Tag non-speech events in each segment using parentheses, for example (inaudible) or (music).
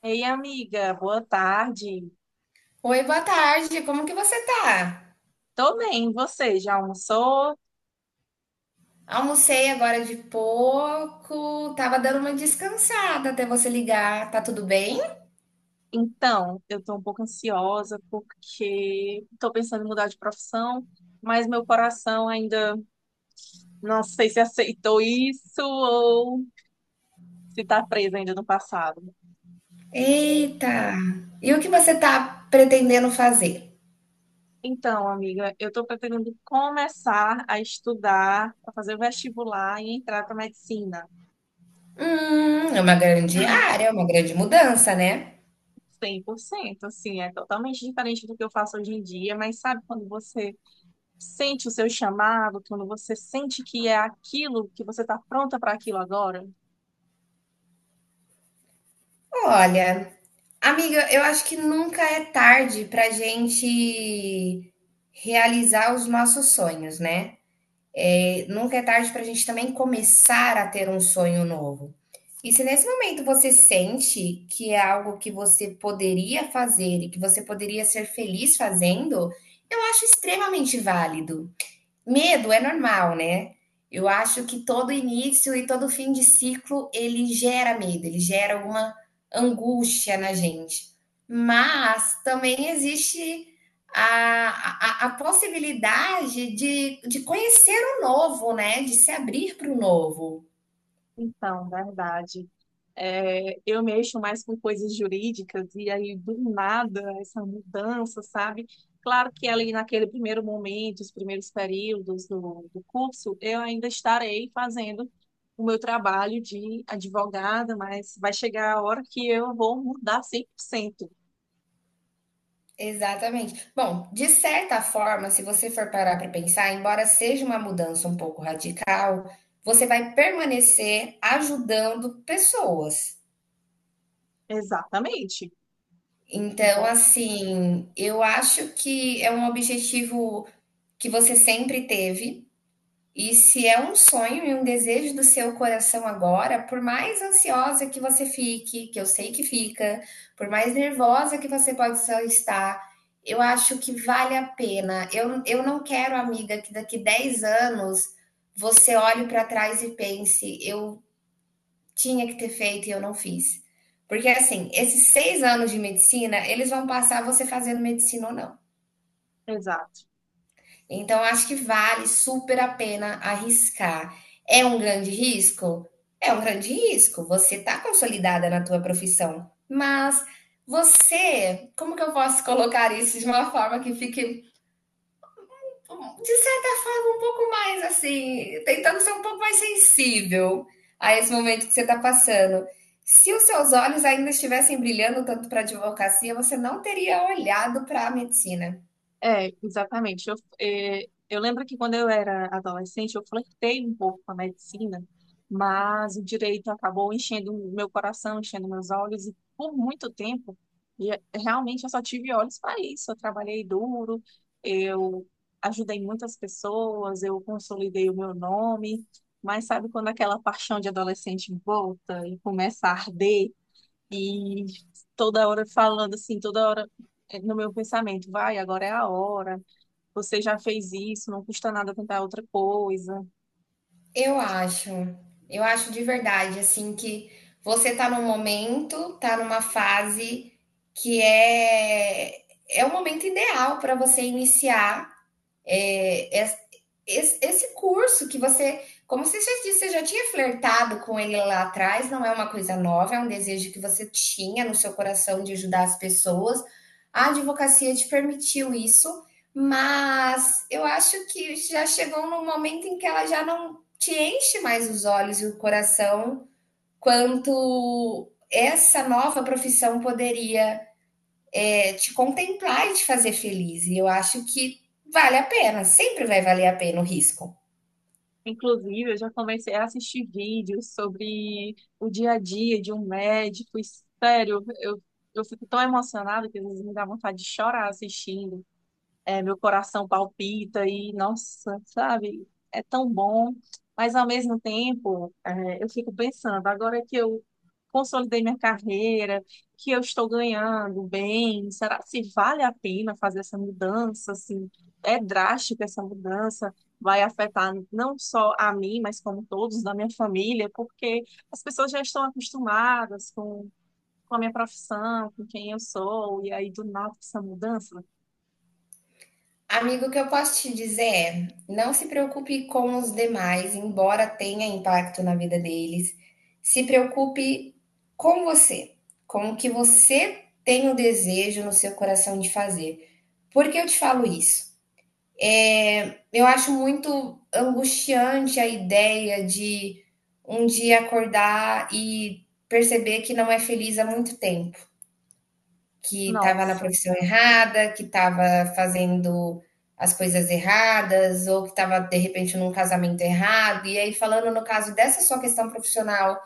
Ei, amiga, boa tarde. Oi, boa tarde. Como que você tá? Tô bem, você já almoçou? Almocei agora de pouco, tava dando uma descansada até você ligar. Tá tudo bem? Então, eu tô um pouco ansiosa porque tô pensando em mudar de profissão, mas meu coração ainda, não sei se aceitou isso ou se tá preso ainda no passado. Eita! E o que você tá pretendendo fazer? Então, amiga, eu tô pretendendo começar a estudar, a fazer o vestibular e entrar para medicina. É uma grande área, é uma grande mudança, né? 100%, assim, é totalmente diferente do que eu faço hoje em dia, mas sabe quando você sente o seu chamado, quando você sente que é aquilo, que você está pronta para aquilo agora? Olha, amiga, eu acho que nunca é tarde pra gente realizar os nossos sonhos, né? É, nunca é tarde para a gente também começar a ter um sonho novo. E se nesse momento você sente que é algo que você poderia fazer e que você poderia ser feliz fazendo, eu acho extremamente válido. Medo é normal, né? Eu acho que todo início e todo fim de ciclo ele gera medo, ele gera alguma angústia na gente. Mas também existe a possibilidade de conhecer o novo, né? De se abrir para o novo. Então, verdade. É, eu mexo mais com coisas jurídicas e aí do nada essa mudança, sabe? Claro que ali naquele primeiro momento, os primeiros períodos do curso, eu ainda estarei fazendo o meu trabalho de advogada, mas vai chegar a hora que eu vou mudar 100%. Exatamente. Bom, de certa forma, se você for parar para pensar, embora seja uma mudança um pouco radical, você vai permanecer ajudando pessoas. Exatamente. Então, Bom, assim, eu acho que é um objetivo que você sempre teve, e se é um sonho e um desejo do seu coração agora, por mais ansiosa que você fique, que eu sei que fica, por mais nervosa que você pode só estar, eu acho que vale a pena. Eu não quero, amiga, que daqui 10 anos você olhe para trás e pense, eu tinha que ter feito e eu não fiz. Porque, assim, esses 6 anos de medicina, eles vão passar você fazendo medicina ou não. exato. Então, acho que vale super a pena arriscar. É um grande risco? É um grande risco. Você está consolidada na tua profissão, mas você, como que eu posso (laughs) colocar isso de uma forma que fique de certa forma, um pouco mais assim, tentando ser um pouco mais sensível a esse momento que você está passando. Se os seus olhos ainda estivessem brilhando tanto para a advocacia, você não teria olhado para a medicina. É, exatamente. Eu, é, eu lembro que quando eu era adolescente, eu flertei um pouco com a medicina, mas o direito acabou enchendo o meu coração, enchendo meus olhos, e por muito tempo, e realmente eu só tive olhos para isso. Eu trabalhei duro, eu ajudei muitas pessoas, eu consolidei o meu nome, mas sabe quando aquela paixão de adolescente volta e começa a arder? E toda hora falando assim, toda hora no meu pensamento, vai, agora é a hora, você já fez isso, não custa nada tentar outra coisa. Eu acho, eu acho de verdade, assim, que você está num momento, está numa fase que é, é o momento ideal para você iniciar é, es- esse curso que você, como você já disse, você já tinha flertado com ele lá atrás, não é uma coisa nova, é um desejo que você tinha no seu coração de ajudar as pessoas. A advocacia te permitiu isso, mas eu acho que já chegou num momento em que ela já não te enche mais os olhos e o coração quanto essa nova profissão poderia te contemplar e te fazer feliz. E eu acho que vale a pena, sempre vai valer a pena o risco. Inclusive, eu já comecei a assistir vídeos sobre o dia a dia de um médico, e, sério, eu fico tão emocionada que às vezes me dá vontade de chorar assistindo. É, meu coração palpita e, nossa, sabe, é tão bom. Mas, ao mesmo tempo, é, eu fico pensando, agora que eu consolidei minha carreira, que eu estou ganhando bem, será se vale a pena fazer essa mudança, assim, é drástica essa mudança, vai afetar não só a mim, mas como todos da minha família, porque as pessoas já estão acostumadas com a minha profissão, com quem eu sou, e aí do nada essa mudança, Amigo, o que eu posso te dizer é: não se preocupe com os demais, embora tenha impacto na vida deles. Se preocupe com você, com o que você tem o desejo no seu coração de fazer. Por que eu te falo isso? É, eu acho muito angustiante a ideia de um dia acordar e perceber que não é feliz há muito tempo, que estava na nossa. profissão errada, que estava fazendo as coisas erradas, ou que estava de repente num casamento errado. E aí, falando no caso dessa sua questão profissional,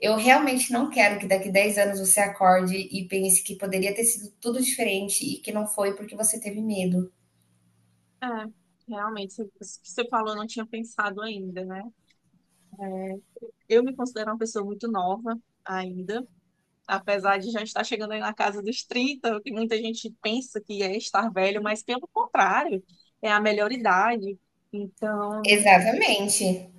eu realmente não quero que daqui 10 anos você acorde e pense que poderia ter sido tudo diferente e que não foi porque você teve medo. É, realmente, isso que você falou, eu não tinha pensado ainda, né? É, eu me considero uma pessoa muito nova ainda, apesar de já estar chegando aí na casa dos trinta, o que muita gente pensa que é estar velho, mas pelo contrário, é a melhor idade. Então, Exatamente.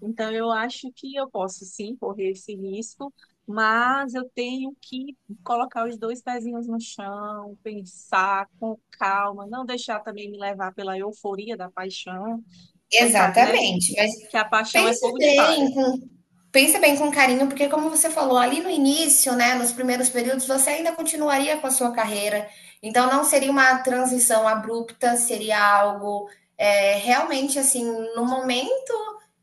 então, eu acho que eu posso sim correr esse risco, mas eu tenho que colocar os dois pezinhos no chão, pensar com calma, não deixar também me levar pela euforia da paixão. Você sabe, né? Exatamente, mas Que a paixão é pense fogo de palha. bem com Pensa bem com carinho, porque como você falou ali no início, né, nos primeiros períodos, você ainda continuaria com a sua carreira. Então não seria uma transição abrupta, seria algo realmente assim, no momento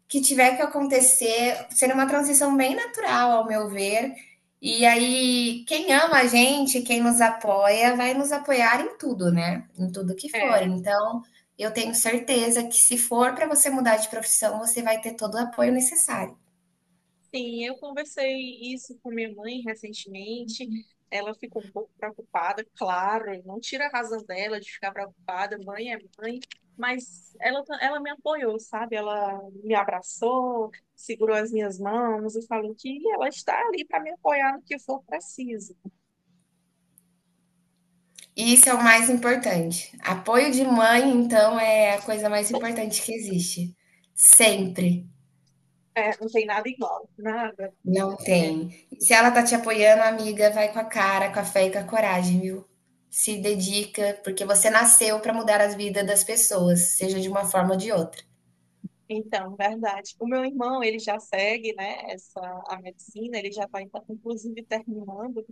que tiver que acontecer, seria uma transição bem natural, ao meu ver. E aí, quem ama a gente, quem nos apoia, vai nos apoiar em tudo, né? Em tudo que for. É, Então, eu tenho certeza que se for para você mudar de profissão, você vai ter todo o apoio necessário. sim, eu conversei isso com minha mãe recentemente. Ela ficou um pouco preocupada, claro, não tira a razão dela de ficar preocupada, mãe é mãe, mas ela, ela me apoiou, sabe? Ela me abraçou, segurou as minhas mãos e falou que ela está ali para me apoiar no que for preciso. Isso é o mais importante. Apoio de mãe, então, é a coisa mais importante que existe. Sempre. É, não tem nada igual, nada. Não tem. E se ela tá te apoiando, amiga, vai com a cara, com a fé e com a coragem, viu? Se dedica, porque você nasceu pra mudar as vidas das pessoas, seja de uma forma ou de outra. Então, verdade. O meu irmão, ele já segue, né, essa, a medicina, ele já está inclusive terminando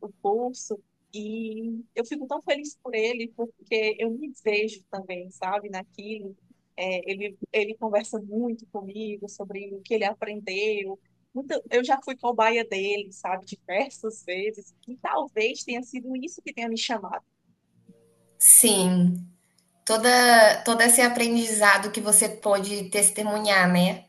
o curso e eu fico tão feliz por ele porque eu me vejo também, sabe, naquilo. É, ele conversa muito comigo sobre o que ele aprendeu. Eu já fui cobaia dele, sabe, diversas vezes e talvez tenha sido isso que tenha me chamado. Sim, toda todo esse aprendizado que você pôde testemunhar, né?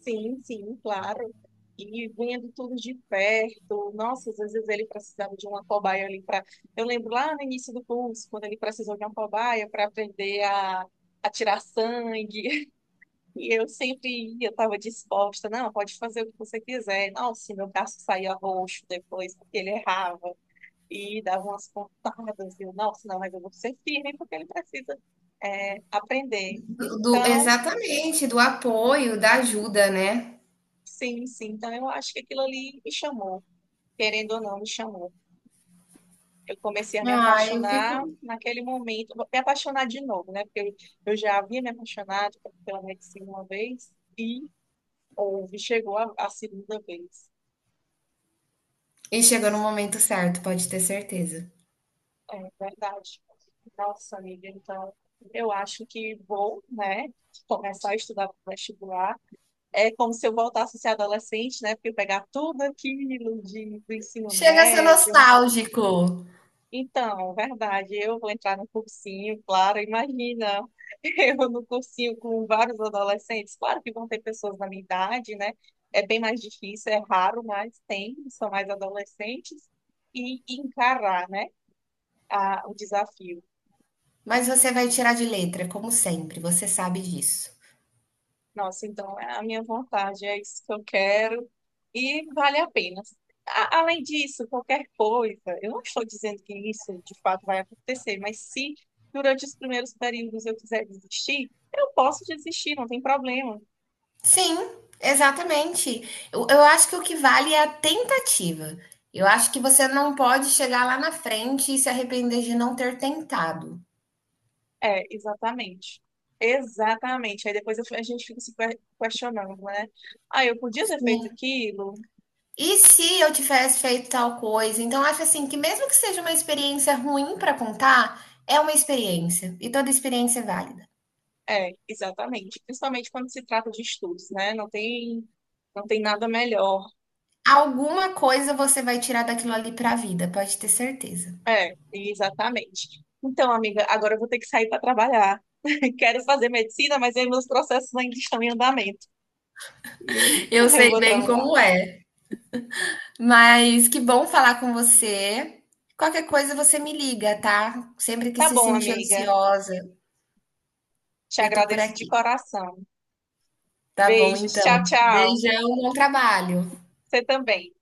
Sim, sim, claro. E vinha de tudo de perto. Nossa, às vezes ele precisava de uma cobaia ali para. Eu lembro lá no início do curso, quando ele precisou de uma cobaia para aprender a tirar sangue. (laughs) E eu sempre ia, estava disposta. Não, pode fazer o que você quiser. Nossa, meu braço saía roxo depois, porque ele errava. E dava umas pontadas. E eu, nossa, não, mas eu vou ser firme, porque ele precisa, é, aprender. Do Então, exatamente, do apoio, da ajuda, né? sim, sim. Então, eu acho que aquilo ali me chamou, querendo ou não, me chamou. Eu comecei a me Ah, eu apaixonar fico. naquele momento, me apaixonar de novo, né? Porque eu já havia me apaixonado pela medicina uma vez e houve, chegou a segunda vez. E chegou no momento certo, pode ter certeza. É verdade. Nossa, amiga, então eu acho que vou, né, começar a estudar para vestibular. É como se eu voltasse a ser adolescente, né? Porque eu pegar tudo aquilo do ensino Chega a ser médio. nostálgico, Então, verdade, eu vou entrar no cursinho, claro, imagina, (laughs) eu no cursinho com vários adolescentes, claro que vão ter pessoas da minha idade, né? É bem mais difícil, é raro, mas tem, são mais adolescentes, e encarar, né, o desafio. mas você vai tirar de letra, como sempre, você sabe disso. Nossa, então é a minha vontade, é isso que eu quero e vale a pena. Além disso, qualquer coisa, eu não estou dizendo que isso de fato vai acontecer, mas se durante os primeiros períodos eu quiser desistir, eu posso desistir, não tem problema. Sim, exatamente. Eu acho que o que vale é a tentativa. Eu acho que você não pode chegar lá na frente e se arrepender de não ter tentado. É, exatamente. Exatamente. Aí depois eu a gente fica se questionando, né? Ah, eu podia ter feito Sim. aquilo? E se eu tivesse feito tal coisa? Então, acho assim que, mesmo que seja uma experiência ruim para contar, é uma experiência. E toda experiência é válida. É, exatamente. Principalmente quando se trata de estudos, né? Não tem, não tem nada melhor. Alguma coisa você vai tirar daquilo ali para a vida, pode ter certeza. É, exatamente. Então, amiga, agora eu vou ter que sair para trabalhar. (laughs) Quero fazer medicina, mas aí meus processos ainda estão em andamento. E Eu (laughs) eu sei vou bem trabalhar. como é, mas que bom falar com você. Qualquer coisa você me liga, tá? Sempre que Tá se bom, sentir amiga. ansiosa, Te eu tô por agradeço de aqui. coração. Tá bom, Beijos. Tchau, então. tchau. Beijão, bom trabalho. Você também.